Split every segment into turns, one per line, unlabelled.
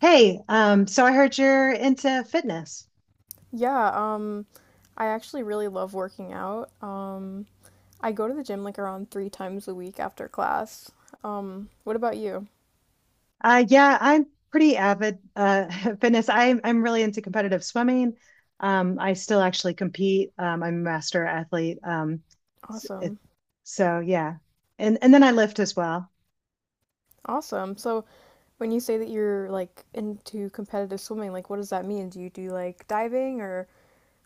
Hey, so I heard you're into fitness.
Yeah, um, I actually really love working out. I go to the gym like around three times a week after class. What about you?
Yeah, I'm pretty avid fitness. I'm really into competitive swimming. I still actually compete. I'm a master athlete. S- it-
Awesome.
so yeah, and then I lift as well.
Awesome. So when you say that you're like into competitive swimming, like what does that mean? Do you do like diving or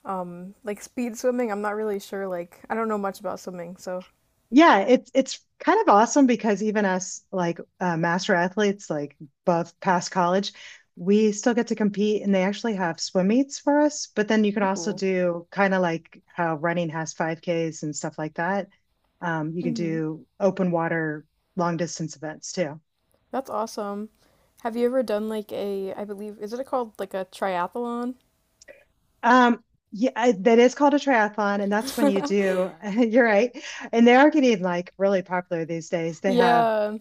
like speed swimming? I'm not really sure. Like I don't know much about swimming, so.
Yeah, it's kind of awesome because even us, like, master athletes, like, above past college, we still get to compete, and they actually have swim meets for us. But then you can also
Ooh.
do kind of like how running has 5Ks and stuff like that. You can
Hmm.
do open water long distance events too.
That's awesome. Have you ever done like a, I believe, is it called like a triathlon?
Um, yeah, that is called a triathlon, and that's when you do. You're right, and they are getting, like, really popular these days. They have
Yeah.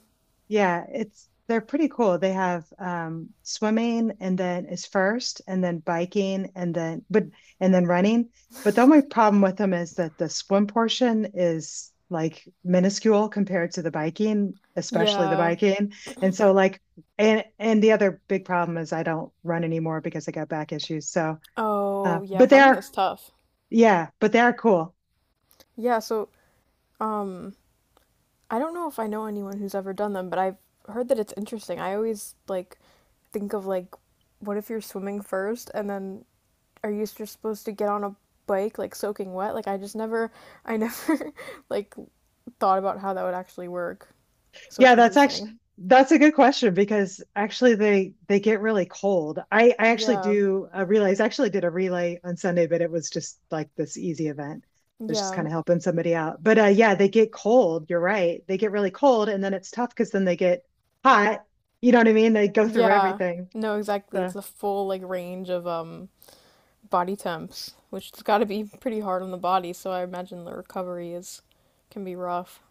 Yeah, it's they're pretty cool. They have swimming, and then is first, and then biking, and then, but and then running. But the only problem with them is that the swim portion is, like, minuscule compared to the biking, especially the
Yeah.
biking. And so like and the other big problem is I don't run anymore because I got back issues. So,
Oh, yeah,
but
running
they're
is tough.
yeah, but they're cool.
Yeah, so um I don't know if I know anyone who's ever done them, but I've heard that it's interesting. I always like think of like what if you're swimming first and then are you just supposed to get on a bike like soaking wet? Like I just never I never like thought about how that would actually work. So it's
Yeah,
interesting.
that's a good question because actually they get really cold. I actually
Yeah.
do relays. I actually did a relay on Sunday, but it was just like this easy event. It was just
Yeah.
kind of helping somebody out. But yeah, they get cold. You're right. They get really cold, and then it's tough because then they get hot. You know what I mean? They go through
Yeah.
everything.
No, exactly. It's
So.
the full like range of body temps, which has got to be pretty hard on the body. So I imagine the recovery is can be rough.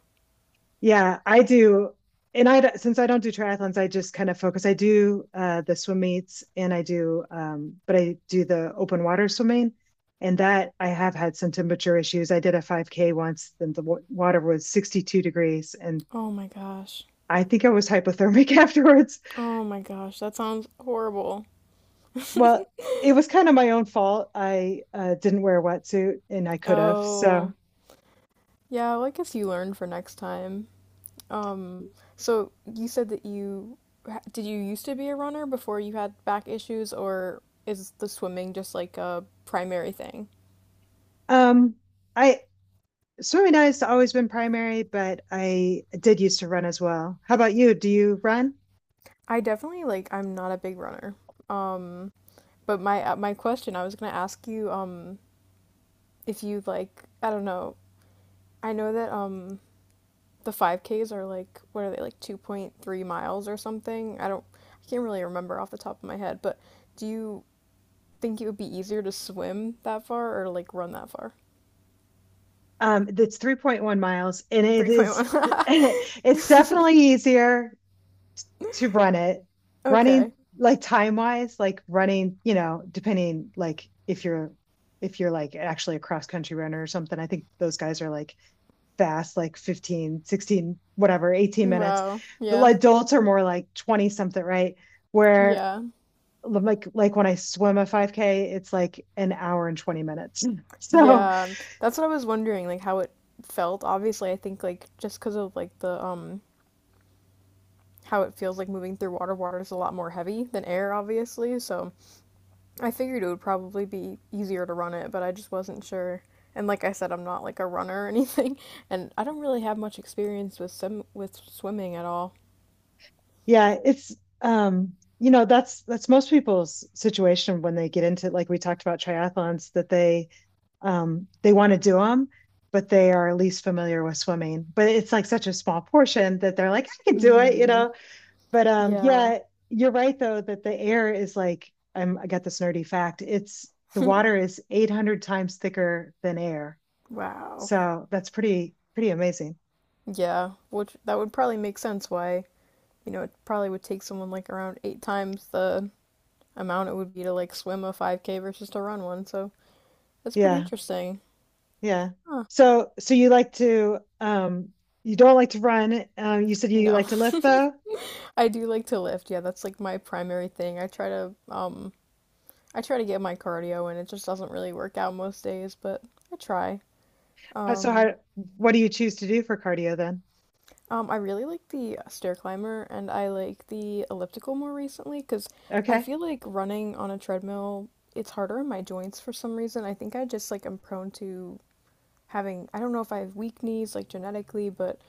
Yeah, I do. And I since I don't do triathlons, I just kind of focus. I do the swim meets, and I do the open water swimming. And that I have had some temperature issues. I did a 5K once, and the water was 62 degrees. And
Oh my gosh.
I think I was hypothermic afterwards.
Oh my gosh. That sounds horrible.
Well, it was kind of my own fault. I didn't wear a wetsuit, and I could have. So,
Oh. Yeah, well, I guess you learn for next time. Um, so you said that you did you used to be a runner before you had back issues, or is the swimming just like a primary thing?
um, I, swimming and has always been primary, but I did used to run as well. How about you? Do you run?
I definitely like I'm not a big runner. Um, but my my question I was gonna ask you if you like I don't know I know that the 5Ks are like what are they like 2.3 miles or something? I don't I can't really remember off the top of my head, but do you think it would be easier to swim that far or like run that far?
It's 3.1 miles, and
3.1.
it's definitely easier to run it. Running,
Okay.
like, time wise, like running, depending, like, if you're like actually a cross country runner or something. I think those guys are like fast, like 15, 16, whatever, 18 minutes.
Wow.
But
Yeah.
like adults are more like 20 something, right? Where
Yeah.
like when I swim a 5K, it's like an hour and 20 minutes. So
Yeah. That's what I was wondering like how it felt. Obviously, I think like just cuz of like the how it feels like moving through water, water is a lot more heavy than air obviously, so I figured it would probably be easier to run it, but I just wasn't sure. And like I said, I'm not like a runner or anything, and I don't really have much experience with swim with swimming at all.
yeah, it's you know that's most people's situation when they get into, like, we talked about triathlons that they want to do them, but they are least familiar with swimming. But it's like such a small portion that they're like, I can do it, you
Hmm.
know. But
Yeah.
yeah, you're right though that the air is I got this nerdy fact. It's The water is 800 times thicker than air.
Wow.
So that's pretty amazing.
Yeah, which that would probably make sense why, you know, it probably would take someone like around 8 times the amount it would be to like swim a 5K versus to run one. So that's pretty
Yeah,
interesting.
yeah.
Huh.
So you don't like to run. You said you
No.
like to lift though.
I do like to lift. Yeah, that's like my primary thing. I try to get my cardio and it just doesn't really work out most days, but I try.
How- So
Um,
how What do you choose to do for cardio then?
I really like the stair climber and I like the elliptical more recently because I
Okay.
feel like running on a treadmill, it's harder on my joints for some reason. I think I just like am prone to having I don't know if I have weak knees like genetically, but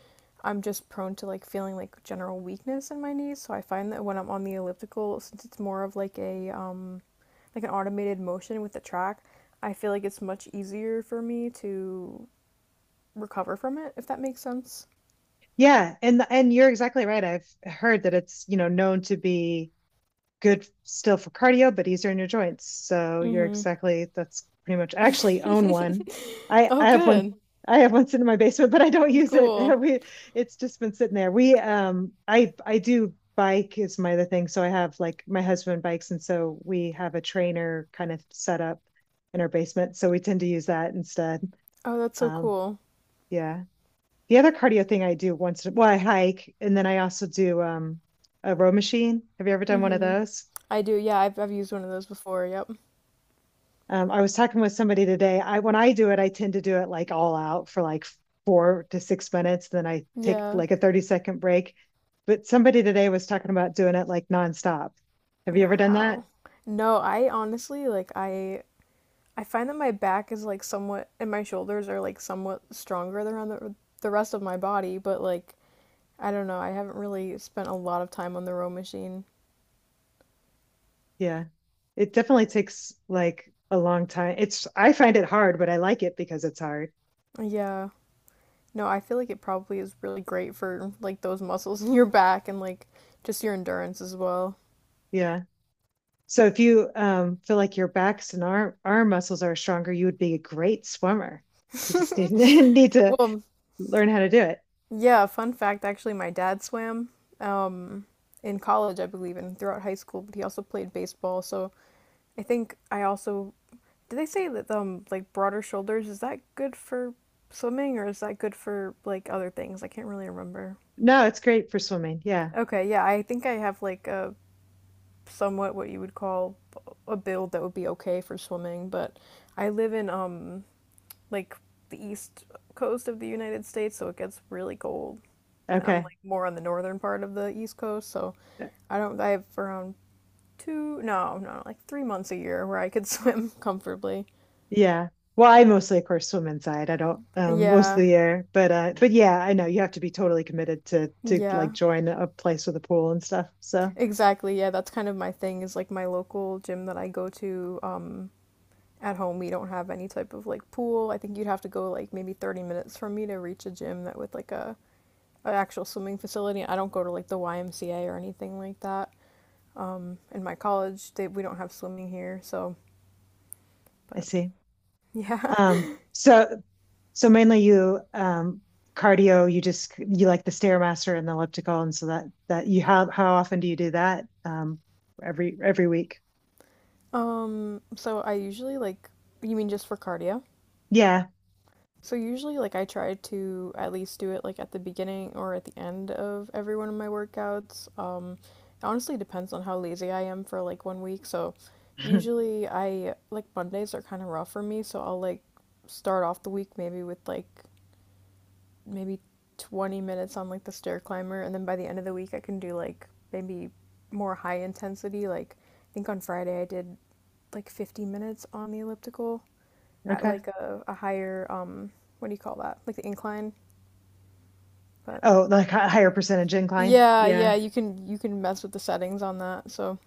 I'm just prone to like feeling like general weakness in my knees. So I find that when I'm on the elliptical, since it's more of like a like an automated motion with the track, I feel like it's much easier for me to recover from it, if that makes sense.
Yeah, and you're exactly right. I've heard that it's known to be good still for cardio, but easier on your joints. So, you're
Mm-hmm.
exactly that's pretty much I actually own one. I
Oh,
I have one
good.
I have one sitting in my basement, but I don't use it.
Cool.
We It's just been sitting there. We I do bike is my other thing. So I have, like, my husband bikes, and so we have a trainer kind of set up in our basement. So we tend to use that instead.
Oh, that's so
Um
cool.
yeah, the other cardio thing I do once, well, I hike, and then I also do a row machine. Have you ever done one of
Mm-hmm.
those?
I do. Yeah, I've used one of those before. Yep.
I was talking with somebody today. I When I do it, I tend to do it like all out for like 4 to 6 minutes. Then I take
Yeah.
like a 30-second break. But somebody today was talking about doing it like nonstop. Have you ever done that?
Wow. No, I honestly like I find that my back is like somewhat and my shoulders are like somewhat stronger than on the rest of my body, but like I don't know, I haven't really spent a lot of time on the row machine.
Yeah. It definitely takes like a long time. It's I find it hard, but I like it because it's hard.
Yeah. No, I feel like it probably is really great for like those muscles in your back and like just your endurance as well.
Yeah. So if you feel like your backs and arm muscles are stronger, you would be a great swimmer. You just need, need to
Well,
learn how to do it.
yeah, fun fact actually my dad swam um in college, I believe, and throughout high school, but he also played baseball, so I think I also do they say that like broader shoulders is that good for swimming or is that good for like other things? I can't really remember.
No, it's great for swimming. Yeah.
Okay, yeah, I think I have like a somewhat what you would call a build that would be okay for swimming, but I live in like the east coast of the United States, so it gets really cold. And I'm
Okay.
like more on the northern part of the east coast, so I don't I have around two no, no, like 3 months a year where I could swim comfortably.
Yeah. Well, I mostly, of course, swim inside. I don't, most of
Yeah.
the year, but but yeah, I know you have to be totally committed to like
Yeah.
join a place with a pool and stuff. So
Exactly. Yeah, that's kind of my thing is like my local gym that I go to at home, we don't have any type of like pool. I think you'd have to go like maybe 30 minutes for me to reach a gym that with like a an actual swimming facility. I don't go to like the YMCA or anything like that. Um, in my college, they we don't have swimming here, so
I
but
see.
yeah.
Um, so So mainly you cardio, you like the Stairmaster and the elliptical, and so that that you how often do you do that? Every week.
So I usually like you mean just for cardio?
Yeah.
So usually like I try to at least do it like at the beginning or at the end of every one of my workouts. It honestly depends on how lazy I am for like 1 week. So usually I like Mondays are kind of rough for me, so I'll like start off the week maybe with like maybe 20 minutes on like the stair climber and then by the end of the week I can do like maybe more high intensity like I think on Friday I did like 50 minutes on the elliptical at
Okay.
like a higher what do you call that? Like the incline. But
Oh, like higher percentage incline.
yeah, yeah,
Yeah.
you can mess with the settings on that. So,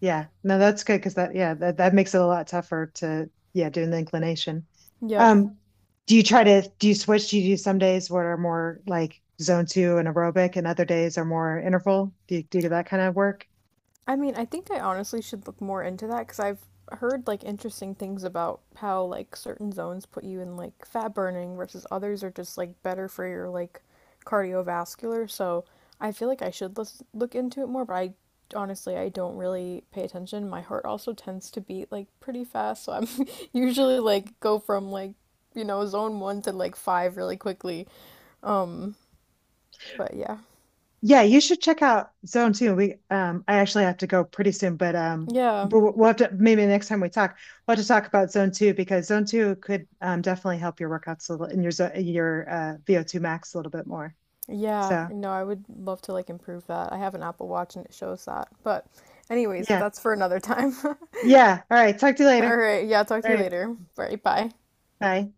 Yeah. No, that's good because that yeah, that makes it a lot tougher to, yeah, doing the inclination.
yep.
Um, do you switch? Do you do some days what are more like zone two and aerobic and other days are more interval? Do you do that kind of work?
I mean, I think I honestly should look more into that because I've heard like interesting things about how like certain zones put you in like fat burning versus others are just like better for your like cardiovascular. So I feel like I should look into it more, but I honestly I don't really pay attention. My heart also tends to beat like pretty fast, so I'm usually like go from like you know zone 1 to like five really quickly. Um, but yeah,
Yeah, you should check out Zone Two. We I actually have to go pretty soon, but
yeah.
we'll have to, maybe the next time we talk, we'll have to talk about Zone Two because Zone Two could definitely help your workouts a little, and your your VO2 max a little bit more.
Yeah,
So
no, I would love to like improve that. I have an Apple Watch and it shows that. But anyways,
yeah.
that's for another time.
Yeah. All right. Talk to you
All
later.
right, yeah, talk to
All
you
right.
later. All right, bye.
Bye.